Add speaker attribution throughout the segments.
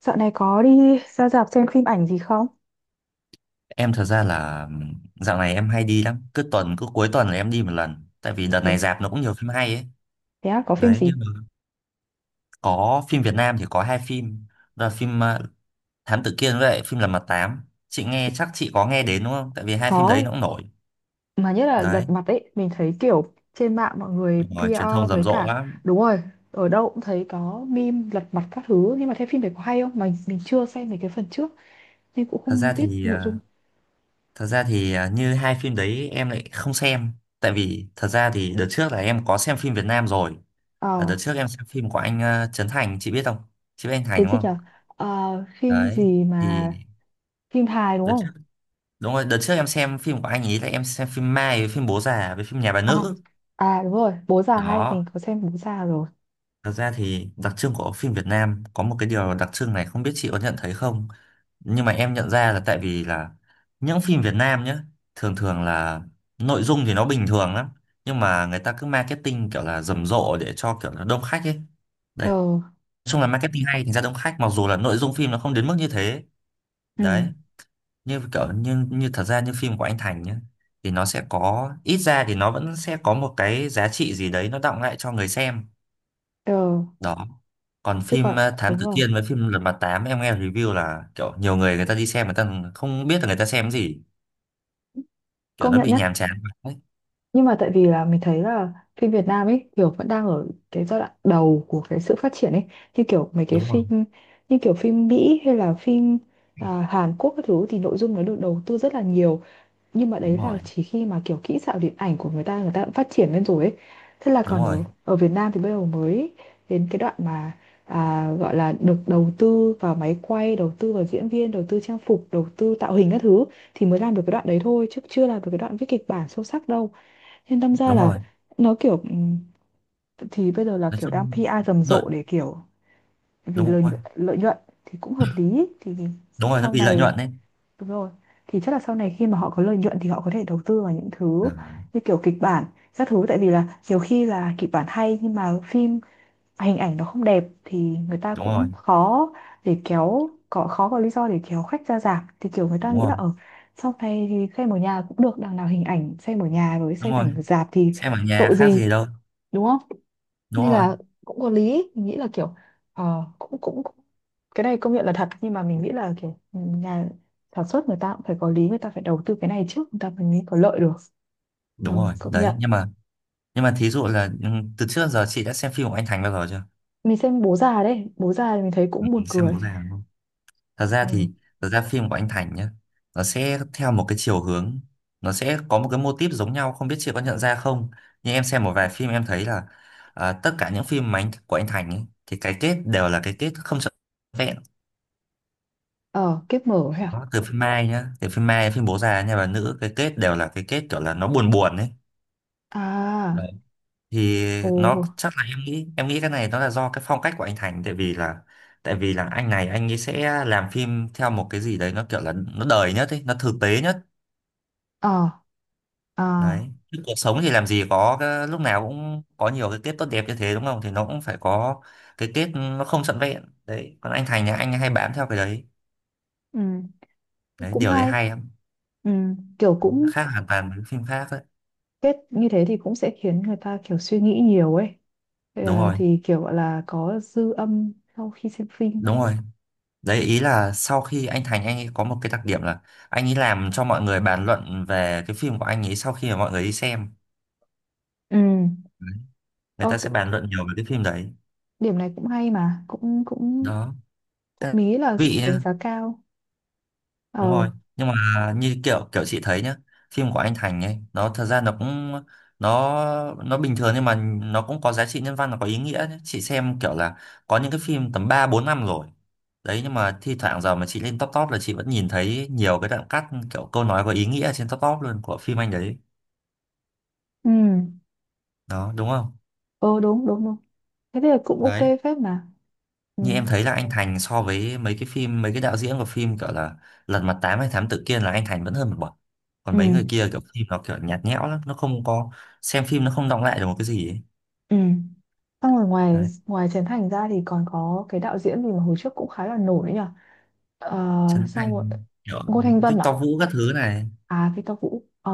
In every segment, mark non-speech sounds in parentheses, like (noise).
Speaker 1: Dạo này có đi ra rạp xem phim ảnh gì không?
Speaker 2: Em thật ra là dạo này em hay đi lắm, cứ tuần cứ cuối tuần là em đi một lần, tại vì đợt
Speaker 1: Thế,
Speaker 2: này
Speaker 1: à?
Speaker 2: rạp nó cũng nhiều phim hay ấy.
Speaker 1: Thế à, có phim
Speaker 2: Đấy,
Speaker 1: gì?
Speaker 2: nhưng mà có phim Việt Nam thì có hai phim, đó là phim Thám Tử Kiên với lại phim Lật Mặt Tám. Chị nghe chắc chị có nghe đến đúng không? Tại vì hai phim đấy
Speaker 1: Có,
Speaker 2: nó cũng nổi.
Speaker 1: mà nhất là lật
Speaker 2: Đấy,
Speaker 1: mặt ấy, mình thấy kiểu trên mạng mọi người
Speaker 2: rồi truyền
Speaker 1: PR
Speaker 2: thông rầm
Speaker 1: với
Speaker 2: rộ
Speaker 1: cả
Speaker 2: lắm.
Speaker 1: đúng rồi, ở đâu cũng thấy có meme lật mặt các thứ, nhưng mà thế phim đấy có hay không? Mà mình chưa xem mấy cái phần trước nên cũng
Speaker 2: Thật ra
Speaker 1: không biết
Speaker 2: thì
Speaker 1: nội
Speaker 2: ờ,
Speaker 1: dung.
Speaker 2: thật ra thì như hai phim đấy em lại không xem, tại vì thật ra thì đợt trước là em có xem phim Việt Nam rồi.
Speaker 1: Ờ,
Speaker 2: Là đợt trước em xem phim của anh Trấn Thành, chị biết không? Chị biết anh Thành
Speaker 1: cái
Speaker 2: đúng
Speaker 1: gì
Speaker 2: không?
Speaker 1: nhở? Ờ, phim
Speaker 2: Đấy
Speaker 1: gì
Speaker 2: thì
Speaker 1: mà phim hài đúng
Speaker 2: Đợt trước,
Speaker 1: không?
Speaker 2: đúng rồi, đợt trước em xem phim của anh ấy là em xem phim Mai với phim Bố Già với phim Nhà Bà
Speaker 1: À,
Speaker 2: Nữ.
Speaker 1: à đúng rồi, Bố già hay, mình
Speaker 2: Đó,
Speaker 1: có xem Bố già rồi.
Speaker 2: thật ra thì đặc trưng của phim Việt Nam có một cái điều đặc trưng này không biết chị có nhận thấy không? Nhưng mà em nhận ra là tại vì những phim Việt Nam nhá, thường thường là nội dung thì nó bình thường lắm, nhưng mà người ta cứ marketing kiểu là rầm rộ để cho kiểu là đông khách ấy. Đấy, nói
Speaker 1: Ờ,
Speaker 2: chung là marketing hay thành ra đông khách mặc dù là nội dung phim nó không đến mức như thế.
Speaker 1: ừ,
Speaker 2: Đấy, như kiểu như như thật ra như phim của anh Thành nhá thì nó sẽ có ít ra thì nó vẫn sẽ có một cái giá trị gì đấy nó đọng lại cho người xem.
Speaker 1: ờ,
Speaker 2: Đó, còn
Speaker 1: chứ
Speaker 2: phim
Speaker 1: còn
Speaker 2: Thám
Speaker 1: đúng
Speaker 2: Tử
Speaker 1: rồi.
Speaker 2: Kiên với phim Lật Mặt Tám em nghe review là kiểu nhiều người người ta đi xem người ta không biết là người ta xem cái gì, kiểu
Speaker 1: Công
Speaker 2: nó
Speaker 1: nhận
Speaker 2: bị nhàm chán. Đấy,
Speaker 1: nhưng mà tại vì là mình thấy là phim Việt Nam ấy kiểu vẫn đang ở cái giai đoạn đầu của cái sự phát triển ấy, như kiểu mấy cái
Speaker 2: đúng rồi,
Speaker 1: phim, như kiểu phim Mỹ hay là phim Hàn Quốc các thứ thì nội dung nó được đầu tư rất là nhiều, nhưng mà
Speaker 2: đúng
Speaker 1: đấy là
Speaker 2: rồi,
Speaker 1: chỉ khi mà kiểu kỹ xảo điện ảnh của người ta đã phát triển lên rồi ấy. Thế là
Speaker 2: đúng
Speaker 1: còn
Speaker 2: rồi,
Speaker 1: ở ở Việt Nam thì bây giờ mới đến cái đoạn mà, gọi là được đầu tư vào máy quay, đầu tư vào diễn viên, đầu tư trang phục, đầu tư tạo hình các thứ, thì mới làm được cái đoạn đấy thôi chứ chưa làm được cái đoạn viết kịch bản sâu sắc đâu. Nên đâm ra
Speaker 2: đúng
Speaker 1: là
Speaker 2: rồi,
Speaker 1: nó kiểu thì bây giờ là
Speaker 2: nói
Speaker 1: kiểu đang
Speaker 2: chung
Speaker 1: PR rầm
Speaker 2: lợi,
Speaker 1: rộ để kiểu vì
Speaker 2: đúng rồi,
Speaker 1: lợi nhuận thì cũng hợp lý ý. Thì
Speaker 2: đúng rồi, nó
Speaker 1: sau
Speaker 2: vì lợi
Speaker 1: này
Speaker 2: nhuận đấy.
Speaker 1: đúng rồi, thì chắc là sau này khi mà họ có lợi nhuận thì họ có thể đầu tư vào những thứ
Speaker 2: À,
Speaker 1: như kiểu kịch bản các thứ, tại vì là nhiều khi là kịch bản hay nhưng mà phim, hình ảnh nó không đẹp thì người ta
Speaker 2: đúng rồi,
Speaker 1: cũng khó để kéo, có khó có lý do để kéo khách ra rạp, thì kiểu người ta
Speaker 2: đúng
Speaker 1: nghĩ là
Speaker 2: rồi,
Speaker 1: ở sau này thì xem ở nhà cũng được, đằng nào hình ảnh xem ở nhà với
Speaker 2: đúng
Speaker 1: xem
Speaker 2: rồi,
Speaker 1: ảnh rạp thì
Speaker 2: xem ở nhà
Speaker 1: tội
Speaker 2: khác
Speaker 1: gì,
Speaker 2: gì đâu,
Speaker 1: đúng không?
Speaker 2: đúng
Speaker 1: Nên
Speaker 2: rồi,
Speaker 1: là cũng có lý, mình nghĩ là kiểu ờ, cũng, cũng cũng cái này công nhận là thật, nhưng mà mình nghĩ là kiểu nhà sản xuất người ta cũng phải có lý, người ta phải đầu tư cái này trước người ta mới có lợi được.
Speaker 2: đúng
Speaker 1: ừ,
Speaker 2: rồi.
Speaker 1: công
Speaker 2: Đấy
Speaker 1: nhận.
Speaker 2: nhưng mà, nhưng mà thí dụ là ừ, từ trước giờ chị đã xem phim của anh Thành bao giờ chưa?
Speaker 1: Mình xem bố già đấy, bố già thì mình thấy
Speaker 2: Ừ,
Speaker 1: cũng buồn
Speaker 2: xem
Speaker 1: cười.
Speaker 2: bố già đúng không? thật ra
Speaker 1: Ừ.
Speaker 2: thì thật ra phim của anh Thành nhá nó sẽ theo một cái chiều hướng, nó sẽ có một cái mô típ giống nhau, không biết chị có nhận ra không? Nhưng em xem một vài phim em thấy là à, tất cả những phim mà của anh Thành ấy, thì cái kết đều là cái kết không trọn vẹn.
Speaker 1: Ờ kiếp mở hả?
Speaker 2: Nó từ phim Mai nhá, từ phim Mai, phim bố già, nhà bà nữ, cái kết đều là cái kết kiểu là nó buồn buồn ấy.
Speaker 1: À à.
Speaker 2: Thì
Speaker 1: Ồ.
Speaker 2: nó chắc là, em nghĩ cái này nó là do cái phong cách của anh Thành, tại vì là anh này anh ấy sẽ làm phim theo một cái gì đấy nó kiểu là nó đời nhất ấy, nó thực tế nhất.
Speaker 1: Ờ. À.
Speaker 2: Đấy, chứ cuộc sống thì làm gì có cái, lúc nào cũng có nhiều cái kết tốt đẹp như thế đúng không, thì nó cũng phải có cái kết nó không trọn vẹn đấy, còn anh Thành thì anh hay bám theo cái đấy.
Speaker 1: Ừ.
Speaker 2: Đấy,
Speaker 1: Cũng
Speaker 2: điều đấy
Speaker 1: hay.
Speaker 2: hay lắm,
Speaker 1: Ừ. Kiểu cũng
Speaker 2: khác hoàn toàn với phim khác đấy.
Speaker 1: kết như thế thì cũng sẽ khiến người ta kiểu suy nghĩ nhiều ấy. Ờ,
Speaker 2: Đúng rồi,
Speaker 1: thì kiểu gọi là có dư âm sau khi xem phim.
Speaker 2: đúng rồi. Đấy, ý là sau khi anh Thành anh ấy có một cái đặc điểm là anh ấy làm cho mọi người bàn luận về cái phim của anh ấy sau khi mà mọi người đi xem.
Speaker 1: Ừ.
Speaker 2: Đấy. Người
Speaker 1: Ơ,
Speaker 2: ta sẽ
Speaker 1: cái-
Speaker 2: bàn luận nhiều về cái phim đấy.
Speaker 1: điểm này cũng hay mà cũng cũng
Speaker 2: Đó.
Speaker 1: cũng
Speaker 2: Cái
Speaker 1: mỹ là
Speaker 2: vị
Speaker 1: đánh giá cao. Ờ.
Speaker 2: đúng rồi, nhưng mà như kiểu kiểu chị thấy nhá, phim của anh Thành ấy nó thật ra nó cũng nó nó bình thường nhưng mà nó cũng có giá trị nhân văn, nó có ý nghĩa nhá. Chị xem kiểu là có những cái phim tầm ba bốn năm rồi đấy, nhưng mà thi thoảng giờ mà chị lên top top là chị vẫn nhìn thấy nhiều cái đoạn cắt kiểu câu nói có ý nghĩa trên top top luôn của phim anh đấy.
Speaker 1: Ừ.
Speaker 2: Đó, đúng không?
Speaker 1: Ờ đúng đúng đúng, thế thì cũng ok
Speaker 2: Đấy,
Speaker 1: phết mà. Ừ.
Speaker 2: như em thấy là anh Thành so với mấy cái phim mấy cái đạo diễn của phim kiểu là Lật Mặt Tám hay Thám Tử Kiên là anh Thành vẫn hơn một bậc, còn
Speaker 1: Ừ.
Speaker 2: mấy người kia kiểu phim nó kiểu nhạt nhẽo lắm, nó không có, xem phim nó không đọng lại được một cái gì ấy.
Speaker 1: Ừ. Xong rồi ngoài
Speaker 2: Đấy,
Speaker 1: ngoài Trấn Thành ra thì còn có cái đạo diễn gì mà hồi trước cũng khá là nổi nhỉ? ờ,
Speaker 2: Trấn
Speaker 1: xong rồi
Speaker 2: Thành kiểu
Speaker 1: Ngô Thanh Vân à?
Speaker 2: Victor Vũ các thứ này.
Speaker 1: À Victor Vũ. Ờ.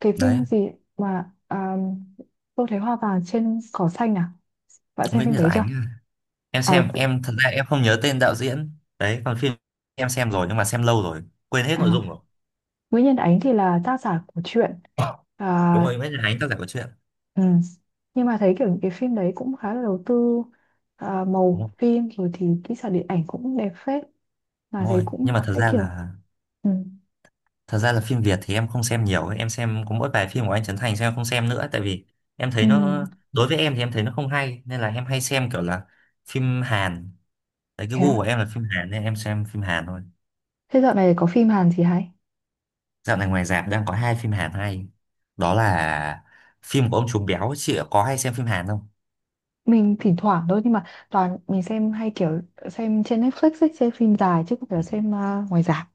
Speaker 1: Cái
Speaker 2: Đấy,
Speaker 1: phim gì mà, Tôi thấy hoa vàng trên cỏ xanh à? Bạn xem
Speaker 2: Nguyễn
Speaker 1: phim
Speaker 2: Nhật
Speaker 1: đấy chưa?
Speaker 2: Ánh à. Em
Speaker 1: Ờ,
Speaker 2: xem,
Speaker 1: tự-
Speaker 2: em thật ra em không nhớ tên đạo diễn đấy, còn phim em xem rồi nhưng mà xem lâu rồi quên hết nội
Speaker 1: à,
Speaker 2: dung rồi.
Speaker 1: Nguyễn Nhân Ánh thì là tác giả của truyện.
Speaker 2: Đúng
Speaker 1: À.
Speaker 2: rồi, Nguyễn Nhật Ánh tác giả của chuyện
Speaker 1: Ừ. Nhưng mà thấy kiểu những cái phim đấy cũng khá là đầu tư, màu
Speaker 2: đúng không?
Speaker 1: phim rồi thì kỹ xảo điện ảnh cũng đẹp phết mà,
Speaker 2: Đúng
Speaker 1: thấy
Speaker 2: rồi,
Speaker 1: cũng
Speaker 2: nhưng mà thật
Speaker 1: thấy
Speaker 2: ra
Speaker 1: kiểu.
Speaker 2: là,
Speaker 1: Ừ.
Speaker 2: thật ra là phim Việt thì em không xem nhiều ấy. Em xem có mỗi vài phim của anh Trấn Thành xem, em không xem nữa tại vì em
Speaker 1: Ừ.
Speaker 2: thấy nó, đối với em thì em thấy nó không hay, nên là em hay xem kiểu là phim Hàn. Đấy, cái
Speaker 1: Thế
Speaker 2: gu của
Speaker 1: à?
Speaker 2: em là phim Hàn nên em xem phim Hàn thôi.
Speaker 1: Thế dạo này có phim Hàn gì hay?
Speaker 2: Dạo này ngoài rạp đang có hai phim Hàn hay, đó là phim của ông Trùm Béo, chị có hay xem phim Hàn không?
Speaker 1: Mình thỉnh thoảng thôi, nhưng mà toàn mình xem hay kiểu xem trên Netflix ấy, xem phim dài chứ không phải là xem ngoài rạp.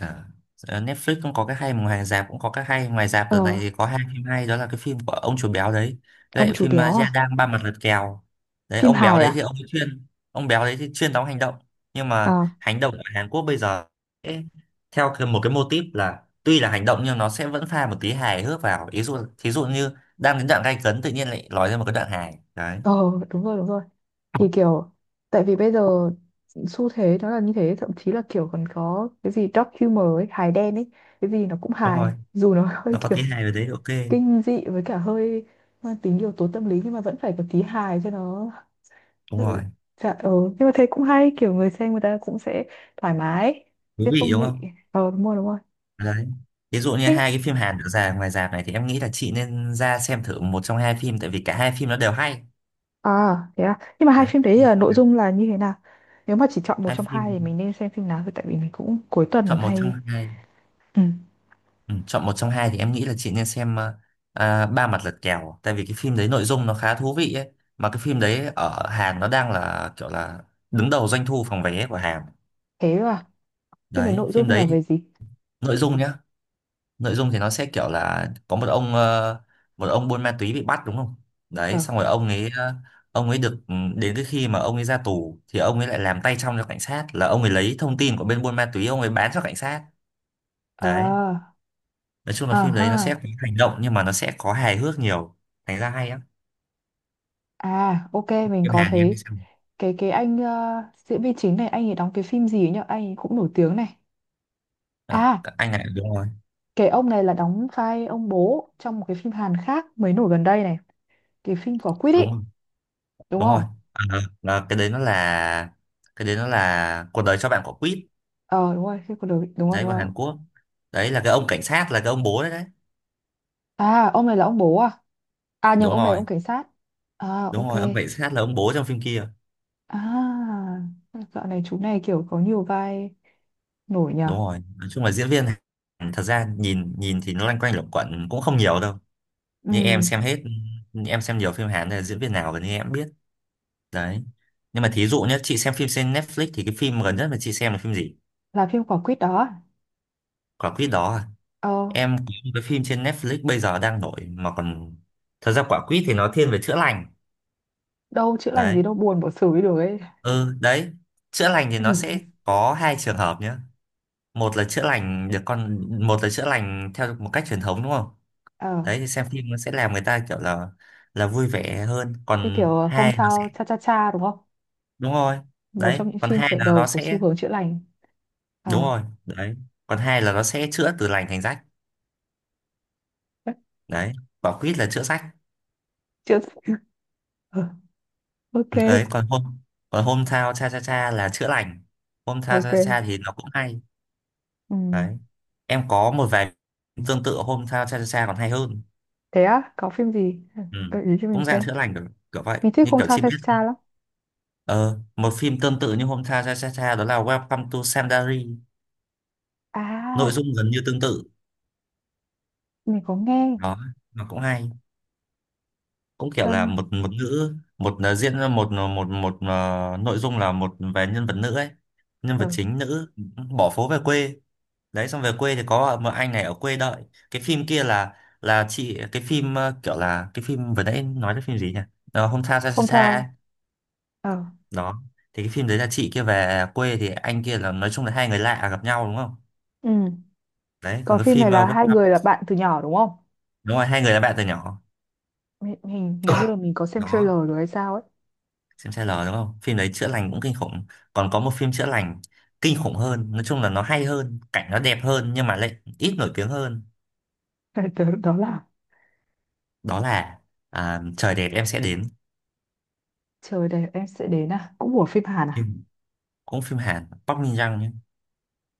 Speaker 2: À, ờ, Netflix cũng có cái hay mà ngoài rạp cũng có cái hay, ngoài rạp
Speaker 1: Ờ.
Speaker 2: đợt này thì có hai phim hay, đó là cái phim của ông chủ béo đấy với
Speaker 1: Ông
Speaker 2: lại
Speaker 1: chú
Speaker 2: phim
Speaker 1: béo
Speaker 2: Gia
Speaker 1: à?
Speaker 2: Đang ba mặt lật kèo. Đấy,
Speaker 1: Phim
Speaker 2: ông béo
Speaker 1: hài
Speaker 2: đấy thì
Speaker 1: à?
Speaker 2: ông ấy chuyên, ông béo đấy thì chuyên đóng hành động, nhưng mà
Speaker 1: À.
Speaker 2: hành động ở Hàn Quốc bây giờ sẽ theo một cái mô típ là tuy là hành động nhưng nó sẽ vẫn pha một tí hài hước vào, ví dụ thí dụ như đang đến đoạn gay cấn tự nhiên lại nói ra một cái đoạn hài đấy.
Speaker 1: Ờ đúng rồi đúng rồi, thì kiểu tại vì bây giờ xu thế nó là như thế, thậm chí là kiểu còn có cái gì dark humor ấy, hài đen ấy, cái gì nó cũng
Speaker 2: Đúng
Speaker 1: hài
Speaker 2: rồi,
Speaker 1: dù nó (laughs) hơi
Speaker 2: nó có tí
Speaker 1: kiểu
Speaker 2: hài vào đấy, ok,
Speaker 1: kinh dị với cả hơi mang tính yếu tố tâm lý nhưng mà vẫn phải có tí hài cho nó.
Speaker 2: đúng rồi,
Speaker 1: Dự- Dạ, ừ. Nhưng mà thấy cũng hay, kiểu người xem người ta cũng sẽ thoải mái
Speaker 2: thú
Speaker 1: chứ
Speaker 2: vị
Speaker 1: không
Speaker 2: đúng
Speaker 1: bị.
Speaker 2: không?
Speaker 1: Ờ đúng rồi đúng rồi.
Speaker 2: Đấy. Ví dụ như
Speaker 1: Thế-
Speaker 2: hai cái phim Hàn được ra ngoài rạp này thì em nghĩ là chị nên ra xem thử một trong hai phim, tại vì cả hai phim nó đều hay.
Speaker 1: à thế à, nhưng mà hai
Speaker 2: Đấy.
Speaker 1: phim đấy là nội dung là như thế nào? Nếu mà chỉ chọn một
Speaker 2: Hai
Speaker 1: trong
Speaker 2: phim,
Speaker 1: hai thì mình nên xem phim nào, thì tại vì mình cũng cuối tuần
Speaker 2: chọn một trong
Speaker 1: hay.
Speaker 2: hai.
Speaker 1: Ừ.
Speaker 2: Ừ, chọn một trong hai thì em nghĩ là chị nên xem Ba Mặt Lật Kèo, tại vì cái phim đấy nội dung nó khá thú vị ấy. Mà cái phim đấy ở Hàn nó đang là kiểu là đứng đầu doanh thu phòng vé của Hàn.
Speaker 1: Thế à, phim này
Speaker 2: Đấy,
Speaker 1: nội
Speaker 2: phim
Speaker 1: dung là
Speaker 2: đấy
Speaker 1: về gì?
Speaker 2: nội dung nhá. Nội dung thì nó sẽ kiểu là có một ông một ông buôn ma túy bị bắt đúng không, đấy
Speaker 1: Ờ.
Speaker 2: xong rồi ông ấy ông ấy được ừ, đến cái khi mà ông ấy ra tù thì ông ấy lại làm tay trong cho cảnh sát, là ông ấy lấy thông tin của bên buôn ma túy ông ấy bán cho cảnh sát. Đấy,
Speaker 1: à,
Speaker 2: nói chung là
Speaker 1: à
Speaker 2: phim đấy
Speaker 1: ha,
Speaker 2: nó sẽ có hành động nhưng mà nó sẽ có hài hước nhiều, thành ra hay á,
Speaker 1: à ok mình
Speaker 2: phim
Speaker 1: có
Speaker 2: Hàn thì em đi
Speaker 1: thấy
Speaker 2: xem.
Speaker 1: cái anh diễn viên chính này anh ấy đóng cái phim gì ấy nhở? Anh ấy cũng nổi tiếng này.
Speaker 2: Ờ,
Speaker 1: À.
Speaker 2: anh này đúng rồi,
Speaker 1: Cái ông này là đóng vai ông bố trong một cái phim Hàn khác mới nổi gần đây này. Cái phim quả quýt
Speaker 2: đúng
Speaker 1: ý,
Speaker 2: rồi,
Speaker 1: đúng
Speaker 2: đúng rồi.
Speaker 1: không?
Speaker 2: Ờ, ờ, là cái đấy nó là cuộc đời cho bạn quả quýt
Speaker 1: Ờ đúng rồi, phim của đời, đúng rồi,
Speaker 2: đấy,
Speaker 1: đúng
Speaker 2: của
Speaker 1: rồi.
Speaker 2: Hàn Quốc. Đấy là cái ông cảnh sát là cái ông bố đấy đấy.
Speaker 1: À, ông này là ông bố à? À nhầm,
Speaker 2: Đúng
Speaker 1: ông này là
Speaker 2: rồi,
Speaker 1: ông cảnh sát. À,
Speaker 2: đúng
Speaker 1: ok.
Speaker 2: rồi ông cảnh sát là ông bố trong phim kia.
Speaker 1: À, dạo này chú này kiểu có nhiều vai nổi nhờ.
Speaker 2: Đúng rồi, nói chung là diễn viên thật ra nhìn nhìn thì nó loanh quanh luẩn quẩn cũng không nhiều đâu,
Speaker 1: Ừ,
Speaker 2: nhưng em xem hết, em xem nhiều phim Hàn nên là diễn viên nào gần như em cũng biết. Đấy, nhưng mà thí dụ nhé, chị xem phim trên Netflix thì cái phim gần nhất mà chị xem là phim gì?
Speaker 1: là phim quả quýt đó. À?
Speaker 2: Quả quýt đó à?
Speaker 1: Ờ,
Speaker 2: Em có một cái phim trên Netflix bây giờ đang nổi mà còn, thật ra quả quýt thì nó thiên về chữa lành.
Speaker 1: đâu chữa lành
Speaker 2: Đấy,
Speaker 1: gì đâu, buồn bỏ xử đi được ấy. (laughs)
Speaker 2: ừ, đấy, chữa lành thì nó
Speaker 1: Ừ.
Speaker 2: sẽ có hai trường hợp nhé, một là chữa lành được con, một là chữa lành theo một cách truyền thống đúng không.
Speaker 1: Ờ,
Speaker 2: Đấy thì xem phim nó sẽ làm người ta kiểu là vui vẻ hơn,
Speaker 1: như
Speaker 2: còn
Speaker 1: kiểu hôm
Speaker 2: hai nó sẽ,
Speaker 1: sau cha cha cha đúng không?
Speaker 2: đúng rồi,
Speaker 1: Một
Speaker 2: đấy
Speaker 1: trong những
Speaker 2: còn
Speaker 1: phim
Speaker 2: hai
Speaker 1: khởi
Speaker 2: là nó
Speaker 1: đầu của xu
Speaker 2: sẽ,
Speaker 1: hướng chữa lành.
Speaker 2: đúng
Speaker 1: Ờ.
Speaker 2: rồi đấy còn hai là nó sẽ chữa từ lành thành rách.
Speaker 1: (laughs)
Speaker 2: Đấy, quả quýt là chữa rách.
Speaker 1: Chữa. Ờ, ok
Speaker 2: Đấy còn hôm, còn hôm thao cha cha cha là chữa lành, hôm thao
Speaker 1: ok.
Speaker 2: cha cha cha thì nó cũng hay.
Speaker 1: Ừ.
Speaker 2: Đấy, em có một vài tương tự hôm thao cha cha cha còn hay hơn.
Speaker 1: Thế á, có phim gì
Speaker 2: Ừ.
Speaker 1: gợi ý cho mình
Speaker 2: Cũng dạng
Speaker 1: xem?
Speaker 2: chữa lành kiểu vậy,
Speaker 1: Mình thích
Speaker 2: như kiểu
Speaker 1: Hometown
Speaker 2: chị
Speaker 1: Cha
Speaker 2: biết.
Speaker 1: cha cha lắm.
Speaker 2: Ờ Một phim tương tự như hôm thao cha cha cha đó là Welcome to Sandari. Nội
Speaker 1: À,
Speaker 2: dung gần như tương tự.
Speaker 1: mình có nghe.
Speaker 2: nó nó cũng hay, cũng kiểu là
Speaker 1: um,
Speaker 2: một một nữ, một diễn ra một ờ, một một ờ, nội dung là một về nhân vật nữ ấy, nhân vật
Speaker 1: ờ,
Speaker 2: chính nữ bỏ phố về quê. Đấy, xong về quê thì có một anh này ở quê đợi. Cái phim kia là chị cái phim kiểu là cái phim vừa nãy nói đến phim gì nhỉ? Hôm sao xa xa xa ấy.
Speaker 1: Hometown. Ờ.
Speaker 2: Đó thì cái phim đấy là chị kia về quê thì anh kia là, nói chung là hai người lạ gặp nhau đúng không.
Speaker 1: Ừ.
Speaker 2: Đấy còn
Speaker 1: Còn
Speaker 2: cái
Speaker 1: phim này
Speaker 2: phim
Speaker 1: là hai người là
Speaker 2: Welcome-.
Speaker 1: bạn từ nhỏ đúng không?
Speaker 2: Đúng rồi, hai người là bạn từ nhỏ.
Speaker 1: Hình hình như là mình có xem trailer
Speaker 2: Đó,
Speaker 1: rồi hay sao ấy.
Speaker 2: xem trailer đúng không, phim đấy chữa lành cũng kinh khủng. Còn có một phim chữa lành kinh khủng hơn, nói chung là nó hay hơn, cảnh nó đẹp hơn nhưng mà lại ít nổi tiếng hơn.
Speaker 1: (laughs) Đó, đó là
Speaker 2: Đó là, trời đẹp em sẽ đến.
Speaker 1: trời đẹp em sẽ đến, à cũng của phim Hàn à.
Speaker 2: phim Cũng phim Hàn, Park Min Young nhé.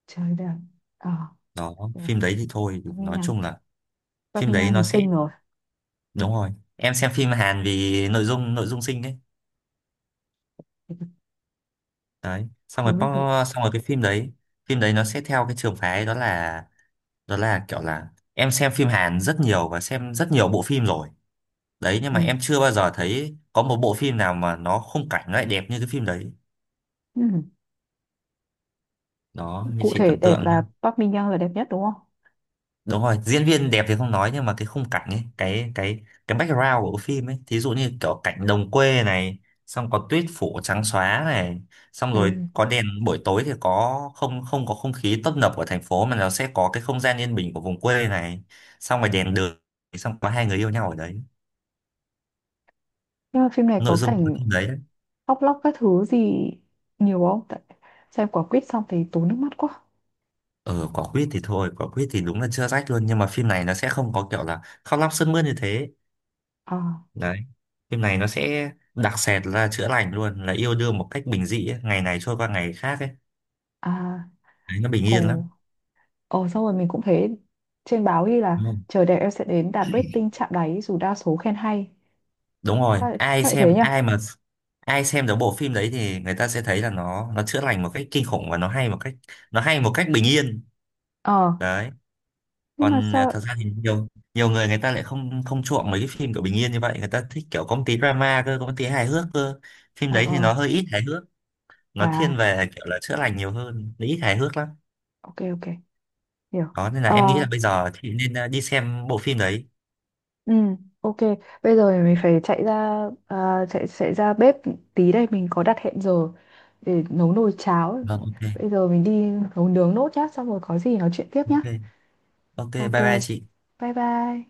Speaker 1: Trời đẹp. Ờ.
Speaker 2: Đó,
Speaker 1: À,
Speaker 2: phim đấy thì thôi
Speaker 1: Park Min
Speaker 2: nói
Speaker 1: Young.
Speaker 2: chung là,
Speaker 1: Park
Speaker 2: phim
Speaker 1: Min
Speaker 2: đấy
Speaker 1: Young thì
Speaker 2: nó sẽ,
Speaker 1: xinh rồi.
Speaker 2: đúng rồi, em xem phim Hàn vì nội dung, nội dung xinh đấy. Đấy xong rồi
Speaker 1: Đúng rồi đúng.
Speaker 2: Park- xong rồi cái phim đấy, phim đấy nó sẽ theo cái trường phái đó là, đó là kiểu là, em xem phim Hàn rất nhiều và xem rất nhiều bộ phim rồi. Đấy nhưng mà
Speaker 1: Ừ.
Speaker 2: em chưa bao giờ thấy có một bộ phim nào mà nó khung cảnh nó lại đẹp như cái phim đấy.
Speaker 1: Ừ.
Speaker 2: Đó, như
Speaker 1: Cụ
Speaker 2: chị
Speaker 1: thể
Speaker 2: tưởng
Speaker 1: đẹp
Speaker 2: tượng nhá,
Speaker 1: là Park Min Young là đẹp nhất đúng không?
Speaker 2: đúng rồi, diễn viên đẹp thì không nói, nhưng mà cái khung cảnh ấy, cái cái background của phim ấy, thí dụ như kiểu cảnh đồng quê này, xong có tuyết phủ trắng xóa này, xong rồi
Speaker 1: Ừ.
Speaker 2: có đèn buổi tối thì có không không có không khí tấp nập của thành phố mà nó sẽ có cái không gian yên bình của vùng quê này, xong rồi đèn đường, xong có hai người yêu nhau ở đấy.
Speaker 1: Nhưng mà phim này
Speaker 2: Nội
Speaker 1: có
Speaker 2: dung của cái
Speaker 1: cảnh
Speaker 2: phim đấy.
Speaker 1: khóc lóc các thứ gì nhiều không? Tại xem quả quýt xong thì tốn nước mắt quá.
Speaker 2: Ờ, quả quýt thì thôi, quả quýt thì đúng là chưa rách luôn, nhưng mà phim này nó sẽ không có kiểu là khóc lóc sướt mướt như thế.
Speaker 1: À.
Speaker 2: Đấy. Phim này nó sẽ đặc sệt là chữa lành luôn, là yêu đương một cách bình dị ấy. Ngày này trôi qua ngày khác ấy.
Speaker 1: À.
Speaker 2: Đấy, nó bình yên
Speaker 1: Ồ.
Speaker 2: lắm.
Speaker 1: Ồ xong rồi mình cũng thấy trên báo ghi
Speaker 2: Đúng
Speaker 1: là
Speaker 2: không?
Speaker 1: chờ đẹp em sẽ đến đạt rating chạm đáy dù đa số khen hay.
Speaker 2: Đúng rồi,
Speaker 1: Sao lại thế nhỉ?
Speaker 2: ai mà ai xem được bộ phim đấy thì người ta sẽ thấy là nó chữa lành một cách kinh khủng và nó hay một cách, nó hay một cách bình yên.
Speaker 1: Ờ,
Speaker 2: Đấy.
Speaker 1: nhưng mà
Speaker 2: Còn thật
Speaker 1: sao...
Speaker 2: ra thì nhiều nhiều người, người ta lại không không chuộng mấy cái phim kiểu bình yên như vậy, người ta thích kiểu có một tí drama cơ, có một tí hài hước cơ. Phim
Speaker 1: Ờ,
Speaker 2: đấy thì
Speaker 1: ờ,
Speaker 2: nó hơi ít hài hước, nó
Speaker 1: à,
Speaker 2: thiên về kiểu là chữa lành nhiều hơn, nó ít hài hước lắm.
Speaker 1: ok, ok, hiểu.
Speaker 2: Đó nên là
Speaker 1: Ờ.
Speaker 2: em nghĩ là bây giờ chị nên đi xem bộ phim đấy.
Speaker 1: Ừ, ok. Bây giờ thì mình phải chạy ra, à, chạy chạy ra bếp tí đây, mình có đặt hẹn giờ để nấu nồi cháo.
Speaker 2: Vâng, ok.
Speaker 1: Bây giờ mình đi nấu nướng nốt nhá, xong rồi có gì nói chuyện tiếp nhá.
Speaker 2: Ok, ok,
Speaker 1: Ok.
Speaker 2: bye bye chị.
Speaker 1: Bye bye.